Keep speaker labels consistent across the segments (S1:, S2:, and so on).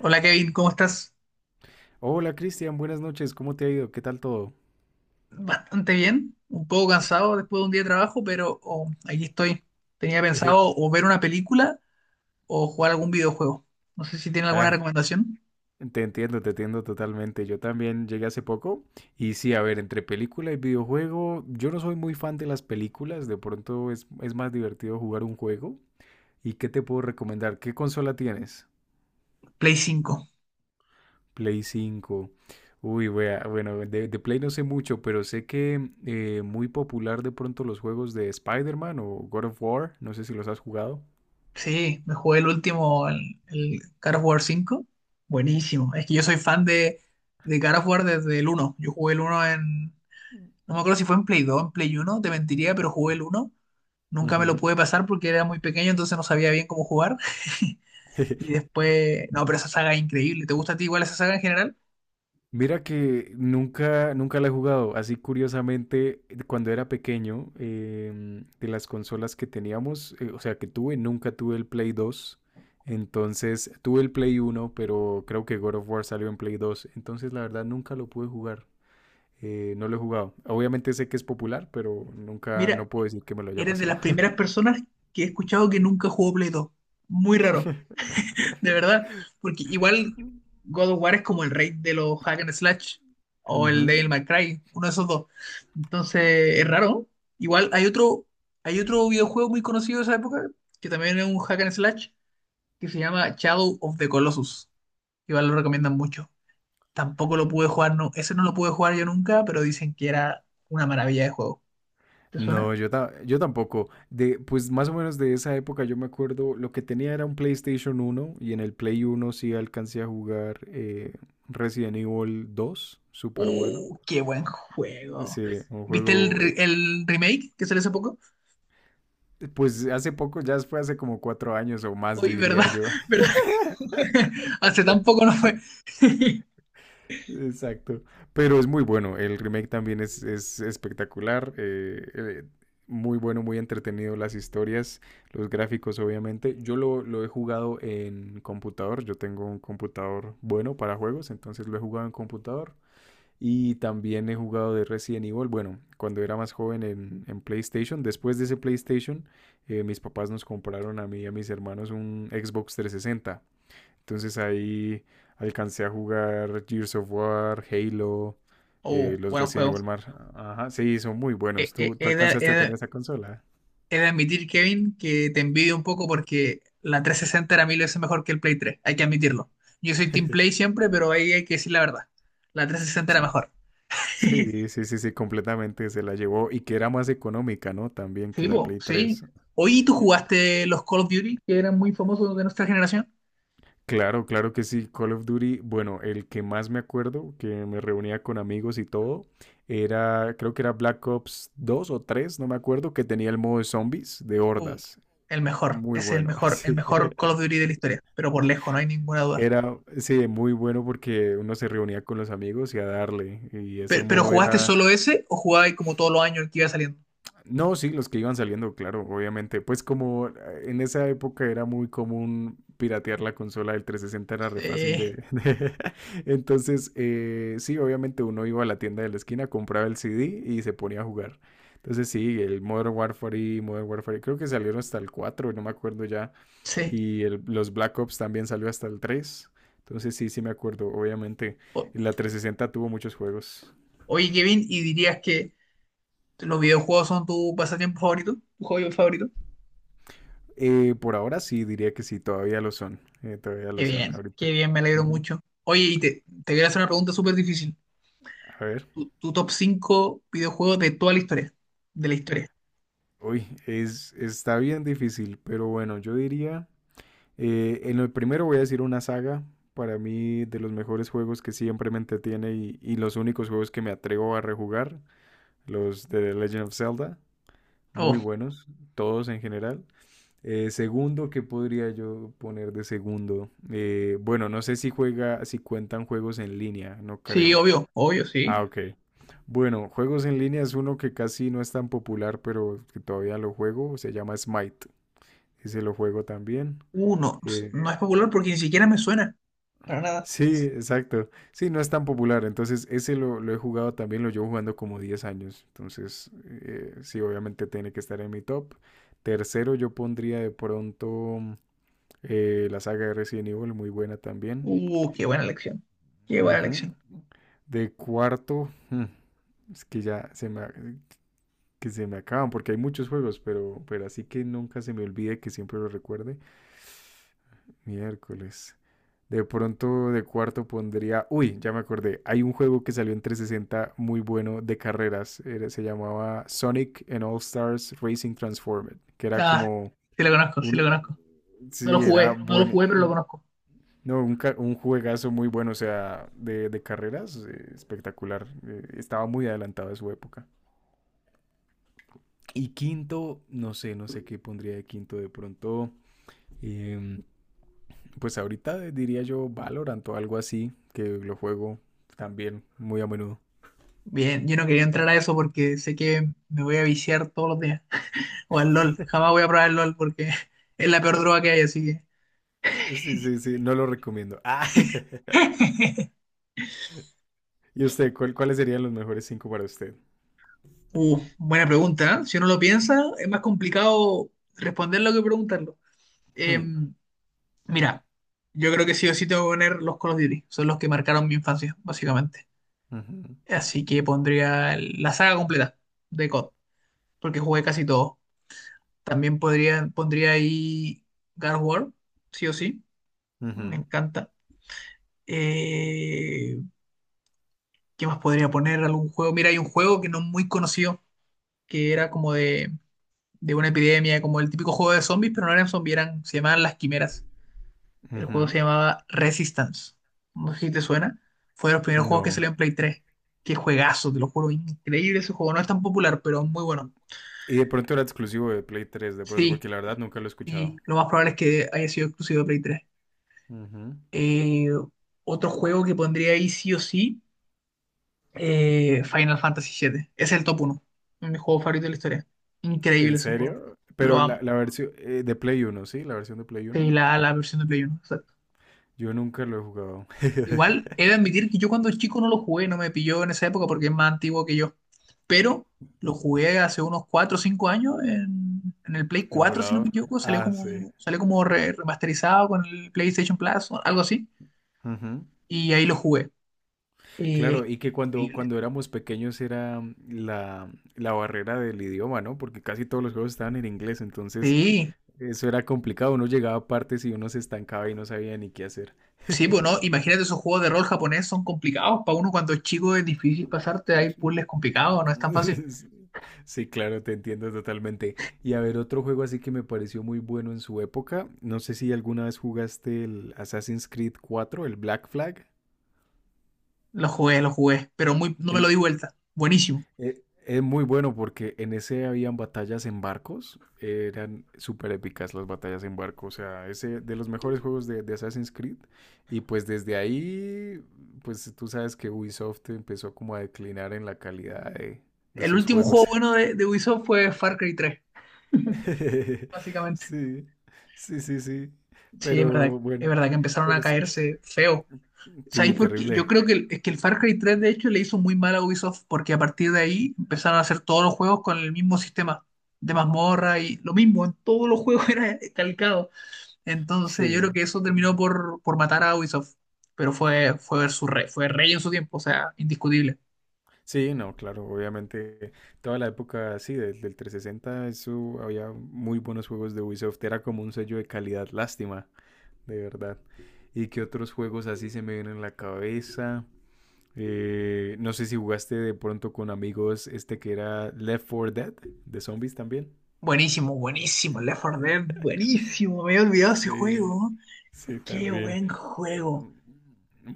S1: Hola Kevin, ¿cómo estás?
S2: Hola Cristian, buenas noches, ¿cómo te ha ido? ¿Qué tal todo?
S1: Bastante bien, un poco cansado después de un día de trabajo, pero aquí estoy. Tenía pensado o ver una película o jugar algún videojuego. No sé si tiene alguna
S2: Ay,
S1: recomendación.
S2: te entiendo totalmente. Yo también llegué hace poco y sí, a ver, entre película y videojuego, yo no soy muy fan de las películas, de pronto es más divertido jugar un juego. ¿Y qué te puedo recomendar? ¿Qué consola tienes?
S1: Play cinco.
S2: Play 5. Uy, wea, bueno, de Play no sé mucho, pero sé que muy popular de pronto los juegos de Spider-Man o God of War, no sé si los has jugado.
S1: Sí, me jugué el último, el God of War 5. Buenísimo. Es que yo soy fan de God of War desde el uno. Yo jugué el uno en... No me acuerdo si fue en Play 2, en Play uno. Te mentiría, pero jugué el uno. Nunca me lo
S2: Ujú.
S1: pude pasar porque era muy pequeño, entonces no sabía bien cómo jugar. Y después, no, pero esa saga es increíble. ¿Te gusta a ti igual esa saga en general?
S2: Mira que nunca, nunca la he jugado. Así curiosamente, cuando era pequeño, de las consolas que teníamos, o sea, que tuve, nunca tuve el Play 2. Entonces, tuve el Play 1, pero creo que God of War salió en Play 2. Entonces, la verdad, nunca lo pude jugar. No lo he jugado. Obviamente sé que es popular, pero nunca,
S1: Mira,
S2: no puedo decir que me lo haya
S1: eres de
S2: pasado.
S1: las primeras personas que he escuchado que nunca jugó Play 2. Muy raro, de verdad. Porque igual God of War es como el rey de los hack and slash o el
S2: Ujú.
S1: Devil May Cry, uno de esos dos. Entonces, es raro. Igual hay otro videojuego muy conocido de esa época que también es un hack and slash que se llama Shadow of the Colossus. Igual lo recomiendan mucho. Tampoco lo pude jugar, no, ese no lo pude jugar yo nunca, pero dicen que era una maravilla de juego. ¿Te suena?
S2: No, yo tampoco. Pues más o menos de esa época yo me acuerdo, lo que tenía era un PlayStation uno y en el Play uno sí alcancé a jugar Resident Evil 2, súper bueno.
S1: ¡Uh, qué buen juego!
S2: Sí, un
S1: ¿Viste el,
S2: juego,
S1: el remake que salió hace poco?
S2: pues hace poco, ya fue hace como 4 años o más
S1: Uy, ¿verdad?
S2: diría yo.
S1: ¿Verdad? Hace tan poco no fue.
S2: Exacto. Pero es muy bueno. El remake también es espectacular. Muy bueno, muy entretenido. Las historias, los gráficos, obviamente. Yo lo he jugado en computador. Yo tengo un computador bueno para juegos, entonces lo he jugado en computador. Y también he jugado de Resident Evil. Bueno, cuando era más joven en, PlayStation. Después de ese PlayStation, mis papás nos compraron a mí y a mis hermanos un Xbox 360. Entonces ahí alcancé a jugar Gears of War, Halo,
S1: ¡Uh,
S2: los
S1: buen
S2: Resident
S1: juego!
S2: Evil Mar. Ajá, sí, son muy
S1: He,
S2: buenos.
S1: he-
S2: ¿Tú
S1: he de, he
S2: alcanzaste a
S1: de-
S2: tener esa consola?
S1: he de admitir, Kevin, que te envidio un poco porque la 360 era mil veces mejor que el Play 3, hay que admitirlo. Yo soy Team Play siempre, pero ahí hay que decir la verdad. La 360 era
S2: Sí,
S1: mejor.
S2: sí, sí, sí, sí, completamente se la llevó y que era más económica, ¿no? También que
S1: Sí,
S2: la
S1: po,
S2: Play
S1: sí.
S2: 3.
S1: Oye, ¿tú jugaste los Call of Duty, que eran muy famosos de nuestra generación?
S2: Claro, claro que sí, Call of Duty, bueno, el que más me acuerdo, que me reunía con amigos y todo, era, creo que era Black Ops 2 o 3, no me acuerdo, que tenía el modo de zombies de
S1: Uh,
S2: hordas.
S1: el mejor,
S2: Muy
S1: es
S2: bueno,
S1: el
S2: así.
S1: mejor Call of Duty de la historia, pero por lejos, no hay ninguna duda.
S2: Era, sí, muy bueno porque uno se reunía con los amigos y a darle. Y ese
S1: Pero
S2: modo
S1: ¿jugaste
S2: era,
S1: solo ese o jugabas como todos los años el que iba saliendo?
S2: no, sí, los que iban saliendo, claro, obviamente. Pues como en esa época era muy común piratear la consola del 360, era re fácil
S1: Sí,
S2: de... Entonces, sí, obviamente uno iba a la tienda de la esquina, compraba el CD y se ponía a jugar. Entonces, sí, el Modern Warfare y Modern Warfare, creo que salieron hasta el 4, no me acuerdo ya.
S1: sí.
S2: Y los Black Ops también salió hasta el 3. Entonces, sí, sí me acuerdo, obviamente.
S1: O-
S2: La 360 tuvo muchos juegos.
S1: oye, Kevin, ¿y dirías que los videojuegos son tu pasatiempo favorito? ¿Tu hobby favorito?
S2: Por ahora sí, diría que sí, todavía lo son. Todavía lo son
S1: Qué
S2: ahorita.
S1: bien, me alegro
S2: Ujú.
S1: mucho. Oye, y te voy a hacer una pregunta súper difícil.
S2: A ver.
S1: Tu top 5 videojuegos de toda la historia, de la historia.
S2: Uy, está bien difícil, pero bueno, yo diría, en el primero voy a decir una saga, para mí de los mejores juegos que siempre me entretiene y los únicos juegos que me atrevo a rejugar, los de The Legend of Zelda, muy
S1: Oh,
S2: buenos, todos en general. Segundo, ¿qué podría yo poner de segundo? Bueno, no sé si cuentan juegos en línea, no
S1: sí,
S2: creo.
S1: obvio, obvio,
S2: Ah,
S1: sí.
S2: ok. Bueno, juegos en línea es uno que casi no es tan popular, pero que todavía lo juego. Se llama Smite. Ese lo juego también.
S1: No,
S2: Eh,
S1: no es popular porque ni siquiera me suena. Para nada.
S2: sí, exacto. Sí, no es tan popular. Entonces, ese lo he jugado también. Lo llevo jugando como 10 años. Entonces, sí, obviamente tiene que estar en mi top. Tercero, yo pondría de pronto la saga de Resident Evil, muy buena también.
S1: Qué buena elección. Qué buena
S2: Ujú.
S1: elección.
S2: De cuarto, es que ya que se me acaban, porque hay muchos juegos, pero así que nunca se me olvide que siempre lo recuerde. Miércoles. De pronto de cuarto pondría, uy, ya me acordé, hay un juego que salió en 360 muy bueno de carreras, se llamaba Sonic and All Stars Racing Transformed, que era
S1: Ah,
S2: como
S1: sí lo conozco, sí lo
S2: un,
S1: conozco. No lo
S2: sí, era
S1: jugué, no lo
S2: bueno,
S1: jugué, pero lo conozco.
S2: no, un juegazo muy bueno, o sea, de carreras, espectacular, estaba muy adelantado de su época. Y quinto, no sé, no sé qué pondría de quinto de pronto. em, pues ahorita diría yo Valorant o algo así, que lo juego también muy a menudo.
S1: Bien, yo no quería entrar a eso porque sé que me voy a viciar todos los días. O al LOL. Jamás voy a probar el LOL porque es la peor droga que hay, así que.
S2: Sí, sí, sí, no lo recomiendo. Ah, ¿y usted, cuáles serían los mejores cinco para usted?
S1: Buena pregunta. ¿Eh? Si uno lo piensa, es más complicado responderlo que preguntarlo. Eh,
S2: Hmm,
S1: Mira, yo creo que sí o sí tengo que poner los Call of Duty. Son los que marcaron mi infancia, básicamente.
S2: ujú,
S1: Así que pondría la saga completa de COD, porque jugué casi todo. También podría, pondría ahí God of War, sí o sí. Me
S2: ujú,
S1: encanta. Eh, ¿Qué más podría poner? ¿Algún juego? Mira, hay un juego que no es muy conocido, que era como de una epidemia, como el típico juego de zombies, pero no eran zombies, eran, se llamaban las quimeras. El
S2: ujú,
S1: juego se llamaba Resistance. No sé si te suena. Fue de los primeros juegos que
S2: no.
S1: salió en Play 3. Qué juegazo, te lo juro. Increíble ese juego. No es tan popular, pero muy bueno.
S2: Y de pronto era exclusivo de Play 3 de pronto,
S1: Sí,
S2: porque la verdad nunca lo he
S1: sí.
S2: escuchado.
S1: Lo más probable es que haya sido exclusivo de Play 3.
S2: Ujú.
S1: Eh, otro juego que pondría ahí sí o sí, Final Fantasy VII. Ese es el top uno. Mi juego favorito de la historia. Increíble
S2: ¿En
S1: ese juego.
S2: serio?
S1: Lo
S2: Pero
S1: amo.
S2: la versión de Play uno, ¿sí? La versión de Play
S1: Sí,
S2: uno.
S1: la versión de Play 1.
S2: Yo nunca lo he jugado.
S1: Igual he de admitir que yo cuando chico no lo jugué, no me pilló en esa época porque es más antiguo que yo. Pero lo jugué hace unos 4 o 5 años en el Play
S2: En
S1: 4, si no me
S2: volador.
S1: equivoco.
S2: Ah, sí.
S1: Salió como remasterizado con el PlayStation Plus o algo así.
S2: Ujú.
S1: Y ahí lo jugué.
S2: Claro,
S1: Eh,
S2: y que cuando,
S1: increíble.
S2: cuando éramos pequeños era la barrera del idioma, ¿no? Porque casi todos los juegos estaban en inglés, entonces
S1: Sí,
S2: eso era complicado. Uno llegaba a partes y uno se estancaba y no sabía ni qué hacer.
S1: sí, bueno, imagínate esos juegos de rol japonés son complicados. Para uno cuando es chico es difícil pasarte, hay puzzles complicados, no es tan fácil.
S2: Sí, claro, te entiendo totalmente. Y a ver, otro juego así que me pareció muy bueno en su época. No sé si alguna vez jugaste el Assassin's Creed 4, el Black Flag.
S1: Lo jugué, pero muy, no me
S2: El
S1: lo di vuelta. Buenísimo.
S2: Es muy bueno porque en ese habían batallas en barcos, eran súper épicas las batallas en barco, o sea, ese de los mejores juegos de Assassin's Creed y pues desde ahí, pues tú sabes que Ubisoft empezó como a declinar en la calidad de
S1: El
S2: sus
S1: último juego
S2: juegos.
S1: bueno de Ubisoft fue Far Cry 3, básicamente.
S2: Sí, sí, sí, sí,
S1: Sí,
S2: pero
S1: es
S2: bueno,
S1: verdad que empezaron a
S2: pero sí,
S1: caerse feo.
S2: sí,
S1: ¿Sabéis por qué? Yo
S2: terrible,
S1: creo que el, es que el Far Cry 3 de hecho le hizo muy mal a Ubisoft porque a partir de ahí empezaron a hacer todos los juegos con el mismo sistema de mazmorra y lo mismo, en todos los juegos era calcado. Entonces yo creo
S2: sí.
S1: que eso terminó por matar a Ubisoft, pero fue, fue, su rey, fue rey en su tiempo, o sea, indiscutible.
S2: Sí, no, claro, obviamente toda la época así del 360, eso había muy buenos juegos de Ubisoft, era como un sello de calidad, lástima, de verdad. ¿Y qué otros juegos así se me vienen en la cabeza? No sé si jugaste de pronto con amigos este que era Left 4 Dead, de zombies también.
S1: Buenísimo, buenísimo, Left 4 Dead, buenísimo, me había olvidado ese
S2: Sí,
S1: juego.
S2: sí,
S1: Qué
S2: también.
S1: buen juego.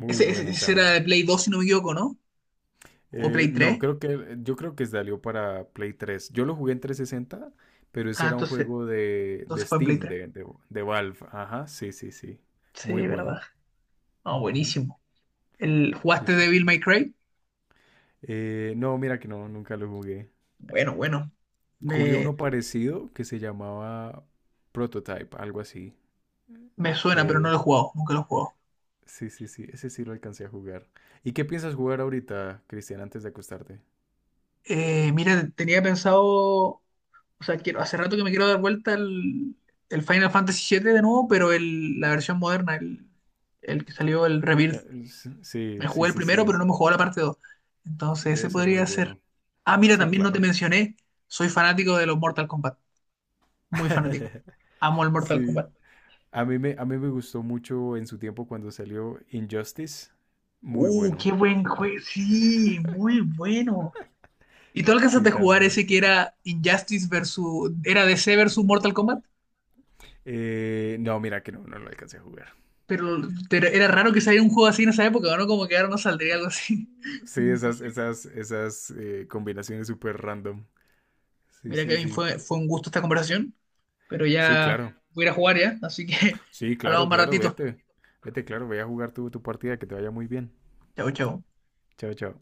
S2: Muy
S1: Ese,
S2: bueno
S1: ese era
S2: también.
S1: de Play 2 si no me equivoco, ¿no? ¿O Play
S2: No,
S1: tres?
S2: creo que yo creo que salió para Play 3. Yo lo jugué en 360, pero ese
S1: Ah,
S2: era un
S1: entonces,
S2: juego de
S1: entonces fue en Play
S2: Steam,
S1: 3.
S2: de Valve. Ajá, sí, sí, sí. Muy
S1: Sí,
S2: bueno.
S1: verdad. No,
S2: Ujú.
S1: buenísimo. ¿El,
S2: Sí,
S1: jugaste
S2: sí, sí.
S1: Devil May Cry?
S2: No, mira que no, nunca lo jugué.
S1: Bueno, bueno.
S2: Jugué
S1: Me,
S2: uno parecido que se llamaba Prototype, algo así.
S1: me suena, pero no
S2: Que
S1: lo he jugado. Nunca lo he jugado.
S2: sí, sí, sí, ese sí lo alcancé a jugar. ¿Y qué piensas jugar ahorita, Cristian, antes de acostarte?
S1: Mira, tenía pensado. O sea, quiero, hace rato que me quiero dar vuelta el Final Fantasy siete de nuevo, pero el, la versión moderna, el que salió, el Rebirth.
S2: Sí,
S1: Me
S2: sí,
S1: jugué el
S2: sí,
S1: primero,
S2: sí.
S1: pero no me jugó la parte dos. Entonces, ese
S2: Debe ser muy
S1: podría ser.
S2: bueno.
S1: Ah, mira,
S2: Sí,
S1: también no te
S2: claro.
S1: mencioné. Soy fanático de los Mortal Kombat. Muy fanático. Amo el Mortal
S2: Sí.
S1: Kombat.
S2: A mí me gustó mucho en su tiempo cuando salió Injustice. Muy bueno.
S1: Qué buen juego. Sí, muy bueno. ¿Y tú
S2: Sí,
S1: alcanzaste a jugar
S2: también.
S1: ese que era Injustice versus? ¿Era DC versus Mortal Kombat?
S2: No, mira que no, no lo alcancé a jugar.
S1: Pero pero era raro que saliera un juego así en esa época, ¿no? Como que ahora no saldría algo así.
S2: Sí, esas,
S1: Imposible.
S2: esas, esas combinaciones súper random. Sí,
S1: Mira,
S2: sí,
S1: Kevin,
S2: sí.
S1: fue, fue un gusto esta conversación, pero
S2: Sí,
S1: ya
S2: claro.
S1: voy a ir a jugar ya, así que
S2: Sí, claro,
S1: hablamos más
S2: claro,
S1: ratito.
S2: vete. Vete, claro, ve a jugar tu partida, que te vaya muy bien.
S1: Chau, chau.
S2: Chao, chao.